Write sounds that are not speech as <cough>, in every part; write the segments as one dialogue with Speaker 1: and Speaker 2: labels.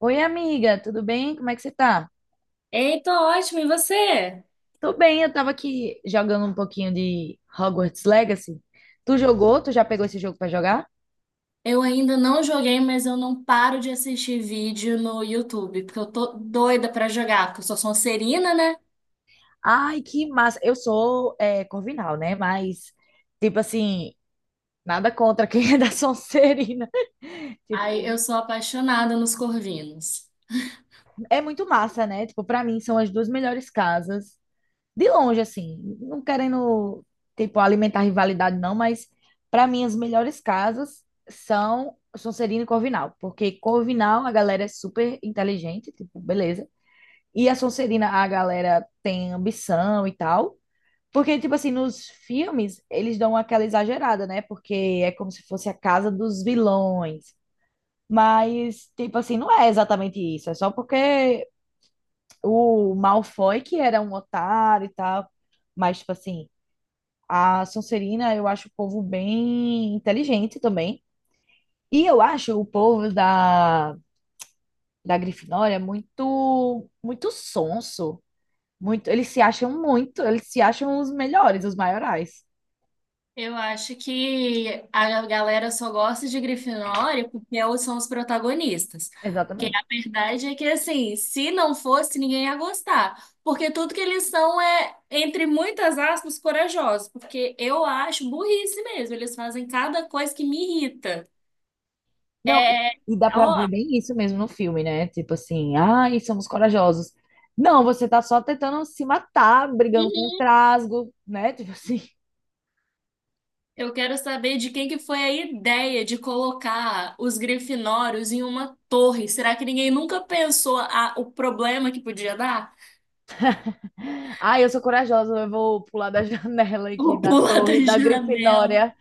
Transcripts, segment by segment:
Speaker 1: Oi, amiga, tudo bem? Como é que você tá?
Speaker 2: Ei, tô ótimo, e você?
Speaker 1: Tô bem, eu tava aqui jogando um pouquinho de Hogwarts Legacy. Tu jogou? Tu já pegou esse jogo pra jogar?
Speaker 2: Eu ainda não joguei, mas eu não paro de assistir vídeo no YouTube, porque eu tô doida pra jogar, porque eu sou sonserina, né?
Speaker 1: Ai, que massa! Eu sou é, Corvinal, né? Mas, tipo assim, nada contra quem <laughs> é da Sonserina.
Speaker 2: Aí
Speaker 1: Tipo,
Speaker 2: eu sou apaixonada nos corvinos.
Speaker 1: é muito massa, né? Tipo, pra mim são as duas melhores casas. De longe, assim, não querendo, tipo, alimentar rivalidade, não, mas para mim as melhores casas são Sonserina e Corvinal, porque Corvinal a galera é super inteligente, tipo, beleza. E a Sonserina a galera tem ambição e tal. Porque, tipo assim, nos filmes eles dão aquela exagerada, né? Porque é como se fosse a casa dos vilões. Mas, tipo assim, não é exatamente isso. É só porque o Malfoy, que era um otário e tal. Mas, tipo assim, a Sonserina, eu acho o povo bem inteligente também. E eu acho o povo da Grifinória muito, muito sonso. Muito, eles se acham os melhores, os maiorais.
Speaker 2: Eu acho que a galera só gosta de Grifinória porque elas são os protagonistas. Porque
Speaker 1: Exatamente.
Speaker 2: a verdade é que, assim, se não fosse, ninguém ia gostar. Porque tudo que eles são é, entre muitas aspas, corajosos. Porque eu acho burrice mesmo. Eles fazem cada coisa que me irrita.
Speaker 1: Não,
Speaker 2: É,
Speaker 1: e dá pra
Speaker 2: ó,
Speaker 1: ver bem isso mesmo no filme, né? Tipo assim, ai, somos corajosos. Não, você tá só tentando se matar, brigando com o trasgo, né? Tipo assim,
Speaker 2: eu quero saber de quem que foi a ideia de colocar os Grifinórios em uma torre. Será que ninguém nunca pensou a, o problema que podia dar?
Speaker 1: <laughs> ai, eu sou corajosa, eu vou pular da <laughs> janela aqui
Speaker 2: Vou
Speaker 1: da
Speaker 2: pular da
Speaker 1: torre da
Speaker 2: janela.
Speaker 1: Grifinória.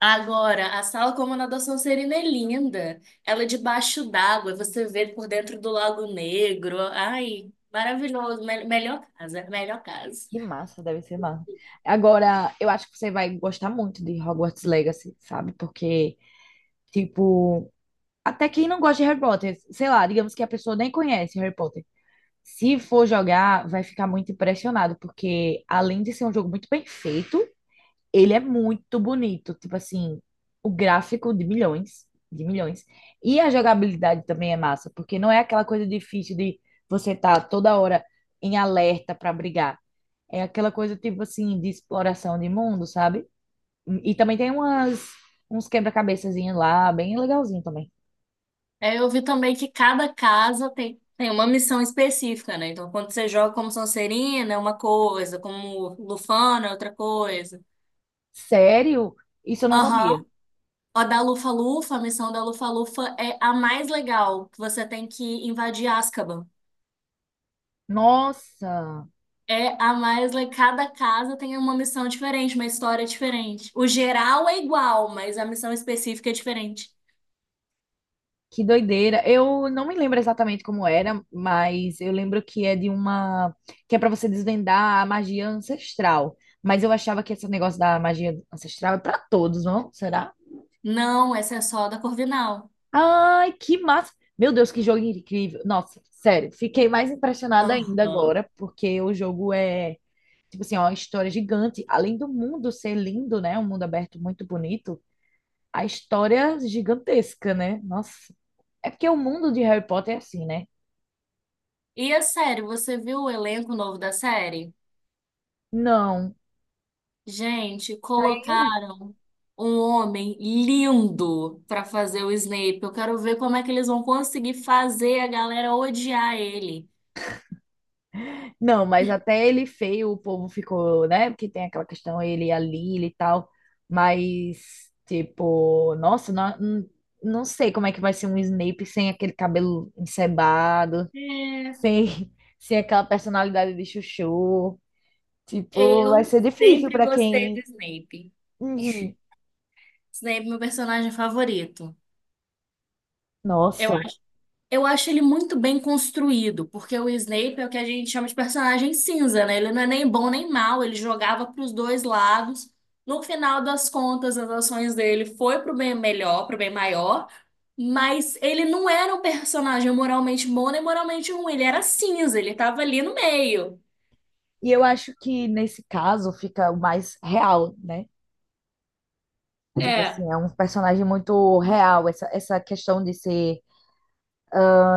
Speaker 2: Agora, a sala como na da Sonserina é linda. Ela é debaixo d'água, você vê por dentro do Lago Negro. Ai, maravilhoso. Me- melhor casa, melhor casa.
Speaker 1: Que massa, deve ser massa. Agora, eu acho que você vai gostar muito de Hogwarts Legacy, sabe? Porque, tipo, até quem não gosta de Harry Potter, sei lá, digamos que a pessoa nem conhece Harry Potter. Se for jogar, vai ficar muito impressionado, porque além de ser um jogo muito bem feito, ele é muito bonito, tipo assim, o gráfico de milhões, de milhões. E a jogabilidade também é massa, porque não é aquela coisa difícil de você estar toda hora em alerta para brigar. É aquela coisa tipo assim de exploração de mundo, sabe? E também tem umas uns quebra-cabeçazinhos lá, bem legalzinho também.
Speaker 2: É, eu vi também que cada casa tem uma missão específica, né? Então, quando você joga como Sonserina, é uma coisa, como Lufana, é outra coisa.
Speaker 1: Sério? Isso eu não sabia.
Speaker 2: Aham. A da Lufa-Lufa, a missão da Lufa-Lufa é a mais legal, que você tem que invadir Azkaban.
Speaker 1: Nossa!
Speaker 2: É a Maisla, cada casa tem uma missão diferente, uma história diferente. O geral é igual, mas a missão específica é diferente.
Speaker 1: Que doideira. Eu não me lembro exatamente como era, mas eu lembro que é de uma que é para você desvendar a magia ancestral. Mas eu achava que esse negócio da magia ancestral é para todos, não? Será?
Speaker 2: Não, essa é só da Corvinal.
Speaker 1: Ai, que massa! Meu Deus, que jogo incrível. Nossa, sério, fiquei mais impressionada ainda
Speaker 2: Aham.
Speaker 1: agora, porque o jogo é, tipo assim, ó, uma história gigante. Além do mundo ser lindo, né? Um mundo aberto muito bonito, a história é gigantesca, né? Nossa. É porque o mundo de Harry Potter é assim, né?
Speaker 2: E a série, você viu o elenco novo da série?
Speaker 1: Não.
Speaker 2: Gente,
Speaker 1: Saiu?
Speaker 2: colocaram um homem lindo pra fazer o Snape. Eu quero ver como é que eles vão conseguir fazer a galera odiar ele.
Speaker 1: Não, mas até ele feio, o povo ficou, né? Porque tem aquela questão, ele e a Lily e tal. Mas, tipo, nossa, não, não sei como é que vai ser um Snape sem aquele cabelo encebado,
Speaker 2: É.
Speaker 1: sem, <laughs> sem aquela personalidade de chuchu. Tipo, vai
Speaker 2: Eu
Speaker 1: ser difícil
Speaker 2: sempre
Speaker 1: para
Speaker 2: gostei do
Speaker 1: quem.
Speaker 2: Snape.
Speaker 1: Uhum.
Speaker 2: Snape, é meu personagem favorito. Eu,
Speaker 1: Nossa.
Speaker 2: eu acho ele muito bem construído, porque o Snape é o que a gente chama de personagem cinza, né? Ele não é nem bom nem mal, ele jogava para os dois lados. No final das contas, as ações dele foi pro bem melhor, pro bem maior, mas ele não era um personagem moralmente bom nem moralmente ruim, ele era cinza, ele tava ali no meio.
Speaker 1: E eu acho que nesse caso fica o mais real, né? Tipo assim,
Speaker 2: É.
Speaker 1: é um personagem muito real, essa questão de ser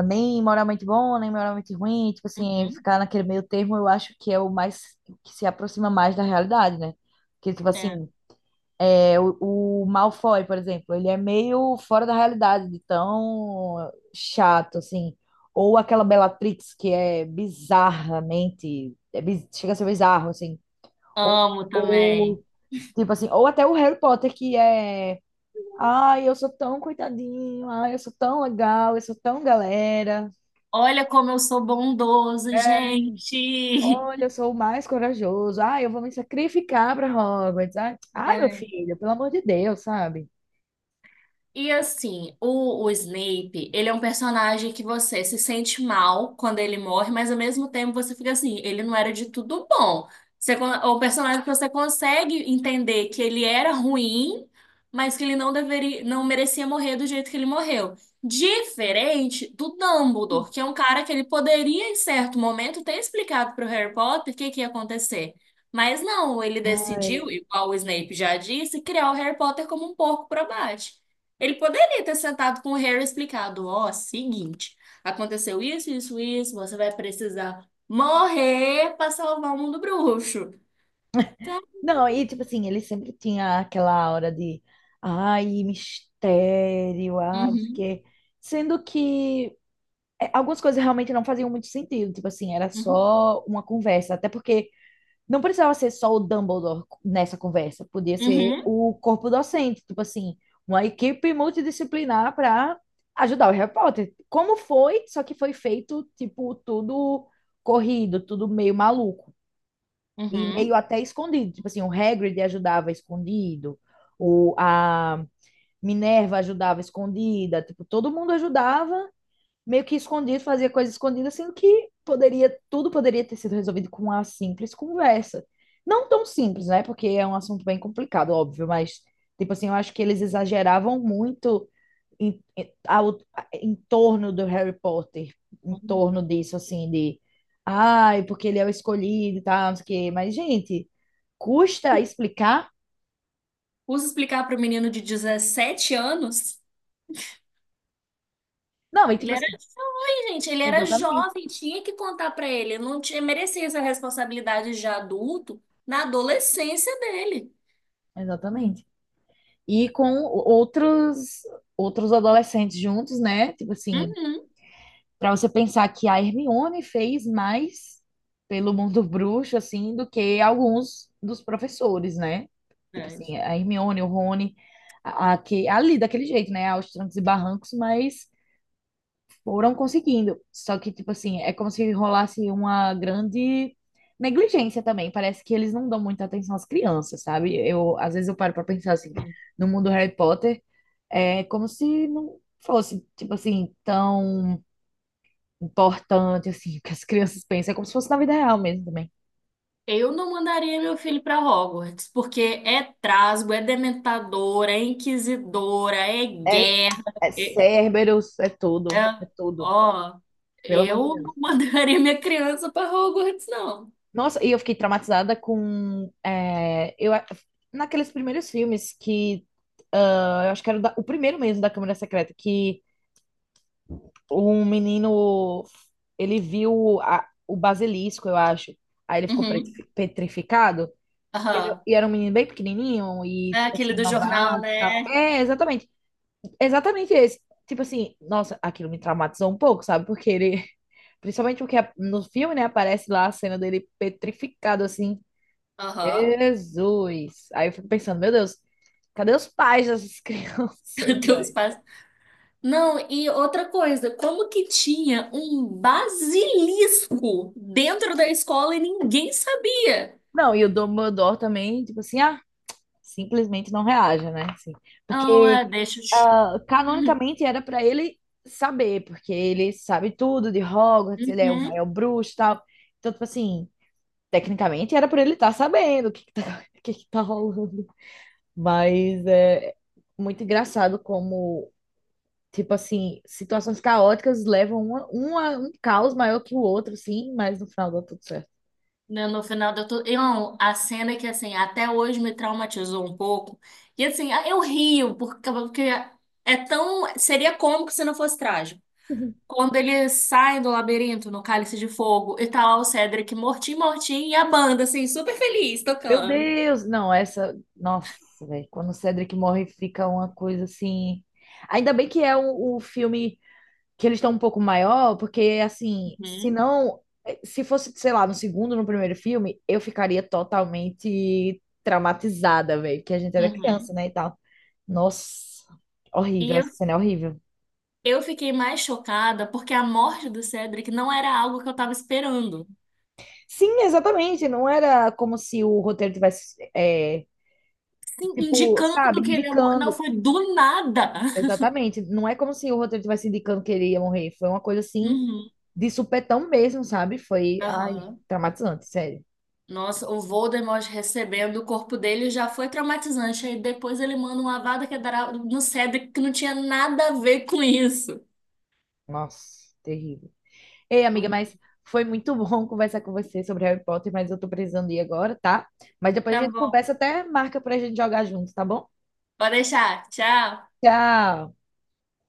Speaker 1: nem moral muito bom, nem moral muito ruim, tipo assim,
Speaker 2: Uhum,
Speaker 1: ficar naquele meio termo, eu acho que é o mais que se aproxima mais da realidade, né? Porque, tipo
Speaker 2: é.
Speaker 1: assim, o Malfoy, por exemplo, ele é meio fora da realidade, de tão chato, assim. Ou aquela Bellatrix, que é bizarramente, chega a ser bizarro, assim. Ou,
Speaker 2: Amo também.
Speaker 1: ou, tipo assim, ou até o Harry Potter, que é. Ai, eu sou tão coitadinho, ai, eu sou tão legal, eu sou tão galera.
Speaker 2: Olha como eu sou bondoso, gente.
Speaker 1: Olha,
Speaker 2: <laughs>
Speaker 1: eu sou o mais corajoso. Ah, eu vou me sacrificar para Hogwarts. Ai, ai, meu
Speaker 2: É.
Speaker 1: filho, pelo amor de Deus, sabe?
Speaker 2: E assim, o Snape, ele é um personagem que você se sente mal quando ele morre, mas ao mesmo tempo você fica assim, ele não era de tudo bom. Você, con- o personagem que você consegue entender que ele era ruim, mas que ele não deveria, não merecia morrer do jeito que ele morreu. Diferente do Dumbledore, que é um cara que ele poderia, em certo momento, ter explicado para o Harry Potter o que que ia acontecer. Mas não, ele decidiu,
Speaker 1: Ai.
Speaker 2: igual o Snape já disse, criar o Harry Potter como um porco pro abate. Ele poderia ter sentado com o Harry e explicado, ó, seguinte, aconteceu isso, isso, isso, você vai precisar morrer para salvar o mundo bruxo. Tá?
Speaker 1: Não, e tipo assim, ele sempre tinha aquela aura de ai, mistério, ai, não sei o
Speaker 2: Uhum,
Speaker 1: quê. Sendo que é, algumas coisas realmente não faziam muito sentido. Tipo assim, era
Speaker 2: uhum,
Speaker 1: só uma conversa. Até porque não precisava ser só o Dumbledore nessa conversa, podia ser
Speaker 2: uhum,
Speaker 1: o corpo docente, tipo assim, uma equipe multidisciplinar para ajudar o Harry Potter. Como foi, só que foi feito, tipo, tudo corrido, tudo meio maluco e meio
Speaker 2: uhum,
Speaker 1: até escondido. Tipo assim, o Hagrid ajudava escondido, o, a Minerva ajudava escondida, tipo, todo mundo ajudava meio que escondido, fazia coisas escondidas, sendo que poderia, tudo poderia ter sido resolvido com uma simples conversa. Não tão simples, né? Porque é um assunto bem complicado, óbvio, mas, tipo assim, eu acho que eles exageravam muito em, em, ao, em torno do Harry Potter, em
Speaker 2: uhum.
Speaker 1: torno disso, assim, de. Ai, porque ele é o escolhido e tal, não sei o quê. Mas, gente, custa explicar?
Speaker 2: Usa explicar para o menino de 17 anos?
Speaker 1: Não, e
Speaker 2: Ele
Speaker 1: tipo
Speaker 2: era
Speaker 1: assim,
Speaker 2: jovem, gente, ele era
Speaker 1: exatamente,
Speaker 2: jovem, tinha que contar para ele, ele não tinha, merecia essa responsabilidade de adulto na adolescência dele.
Speaker 1: exatamente. E com outros adolescentes juntos, né? Tipo assim,
Speaker 2: Uhum.
Speaker 1: para você pensar que a Hermione fez mais pelo mundo <laughs> bruxo assim do que alguns dos professores, né? Tipo
Speaker 2: Verdade.
Speaker 1: assim, a Hermione, o Rony, ali daquele jeito, né? Aos trancos e barrancos, mas foram conseguindo. Só que tipo assim, é como se rolasse uma grande negligência também. Parece que eles não dão muita atenção às crianças, sabe? Eu às vezes eu paro para pensar assim, no mundo Harry Potter é como se não fosse, tipo assim, tão importante assim, que as crianças pensam. É como se fosse na vida real mesmo também.
Speaker 2: Eu não mandaria meu filho para Hogwarts, porque é trasgo, é dementador, é inquisidora, é
Speaker 1: É,
Speaker 2: guerra.
Speaker 1: é
Speaker 2: É,
Speaker 1: Cerberus, é tudo,
Speaker 2: é-
Speaker 1: é tudo.
Speaker 2: ó,
Speaker 1: Pelo
Speaker 2: eu
Speaker 1: amor de Deus.
Speaker 2: não <laughs> mandaria minha criança para Hogwarts, não.
Speaker 1: Nossa, e eu fiquei traumatizada com. Naqueles primeiros filmes que. Ah, eu acho que era o primeiro mesmo da Câmara Secreta, que um menino. Ele viu o basilisco, eu acho. Aí ele ficou
Speaker 2: Uhum.
Speaker 1: petrificado.
Speaker 2: Aham.
Speaker 1: E era um menino bem pequenininho e,
Speaker 2: É
Speaker 1: tipo
Speaker 2: aquele
Speaker 1: assim,
Speaker 2: do jornal,
Speaker 1: novato e tal.
Speaker 2: né?
Speaker 1: É, exatamente. Exatamente esse. Tipo assim, nossa, aquilo me traumatizou um pouco, sabe? Porque ele, <laughs> principalmente porque no filme, né, aparece lá a cena dele petrificado, assim.
Speaker 2: Aham.
Speaker 1: Jesus! Aí eu fico pensando, meu Deus, cadê os pais dessas <laughs>
Speaker 2: <laughs>
Speaker 1: crianças,
Speaker 2: Cadê os
Speaker 1: velho?
Speaker 2: pais? Não, e outra coisa, como que tinha um basilisco dentro da escola e ninguém sabia?
Speaker 1: Não, e o Dumbledore também, tipo assim, ah, simplesmente não reage, né? Assim,
Speaker 2: Não,
Speaker 1: porque
Speaker 2: é, deixa.
Speaker 1: ah,
Speaker 2: Eu-
Speaker 1: canonicamente era pra ele saber, porque ele sabe tudo de
Speaker 2: <laughs>
Speaker 1: Hogwarts, ele é o
Speaker 2: uhum.
Speaker 1: maior bruxo e tal. Então, tipo assim, tecnicamente era pra ele estar sabendo o que que tá, <laughs> o que que tá rolando. Mas é muito engraçado como, tipo assim, situações caóticas levam uma, um caos maior que o outro, sim, mas no final dá tudo certo.
Speaker 2: Né, no final da tudo. Não, a cena que, assim, até hoje me traumatizou um pouco. E, assim, eu rio, porque, porque é tão. Seria cômico se não fosse trágico. Quando eles saem do labirinto no Cálice de Fogo e tá lá o Cedric mortinho, mortinho, e a banda, assim, super feliz
Speaker 1: Meu
Speaker 2: tocando.
Speaker 1: Deus! Não, essa. Nossa, velho. Quando o Cedric morre, fica uma coisa assim. Ainda bem que é o filme que eles estão um pouco maior, porque assim, se
Speaker 2: Uhum.
Speaker 1: não, se fosse, sei lá, no segundo, no primeiro filme, eu ficaria totalmente traumatizada, velho, que a gente era criança,
Speaker 2: Uhum.
Speaker 1: né, e tal. Nossa,
Speaker 2: E
Speaker 1: horrível, essa cena é horrível.
Speaker 2: eu fiquei mais chocada porque a morte do Cedric não era algo que eu tava esperando.
Speaker 1: Sim, exatamente, não era como se o roteiro tivesse, é,
Speaker 2: Sim,
Speaker 1: tipo, sabe,
Speaker 2: indicando que ele ia mor- Não,
Speaker 1: indicando.
Speaker 2: foi do nada. <laughs>
Speaker 1: Exatamente, não é como se o roteiro tivesse indicando que ele ia morrer, foi uma coisa assim,
Speaker 2: uhum.
Speaker 1: de supetão mesmo, sabe? Foi, ai,
Speaker 2: Aham.
Speaker 1: traumatizante, sério.
Speaker 2: Nossa, o Voldemort recebendo o corpo dele já foi traumatizante. Aí depois ele manda uma vada que dará no Cedric que não tinha nada a ver com isso.
Speaker 1: Nossa, terrível. Ei, amiga,
Speaker 2: Horrível.
Speaker 1: mas foi muito bom <laughs> conversar com você sobre Harry Potter, mas eu tô precisando ir agora, tá? Mas depois a
Speaker 2: Tá
Speaker 1: gente
Speaker 2: bom.
Speaker 1: conversa até marca pra gente jogar junto, tá bom?
Speaker 2: Pode deixar. Tchau.
Speaker 1: Tchau!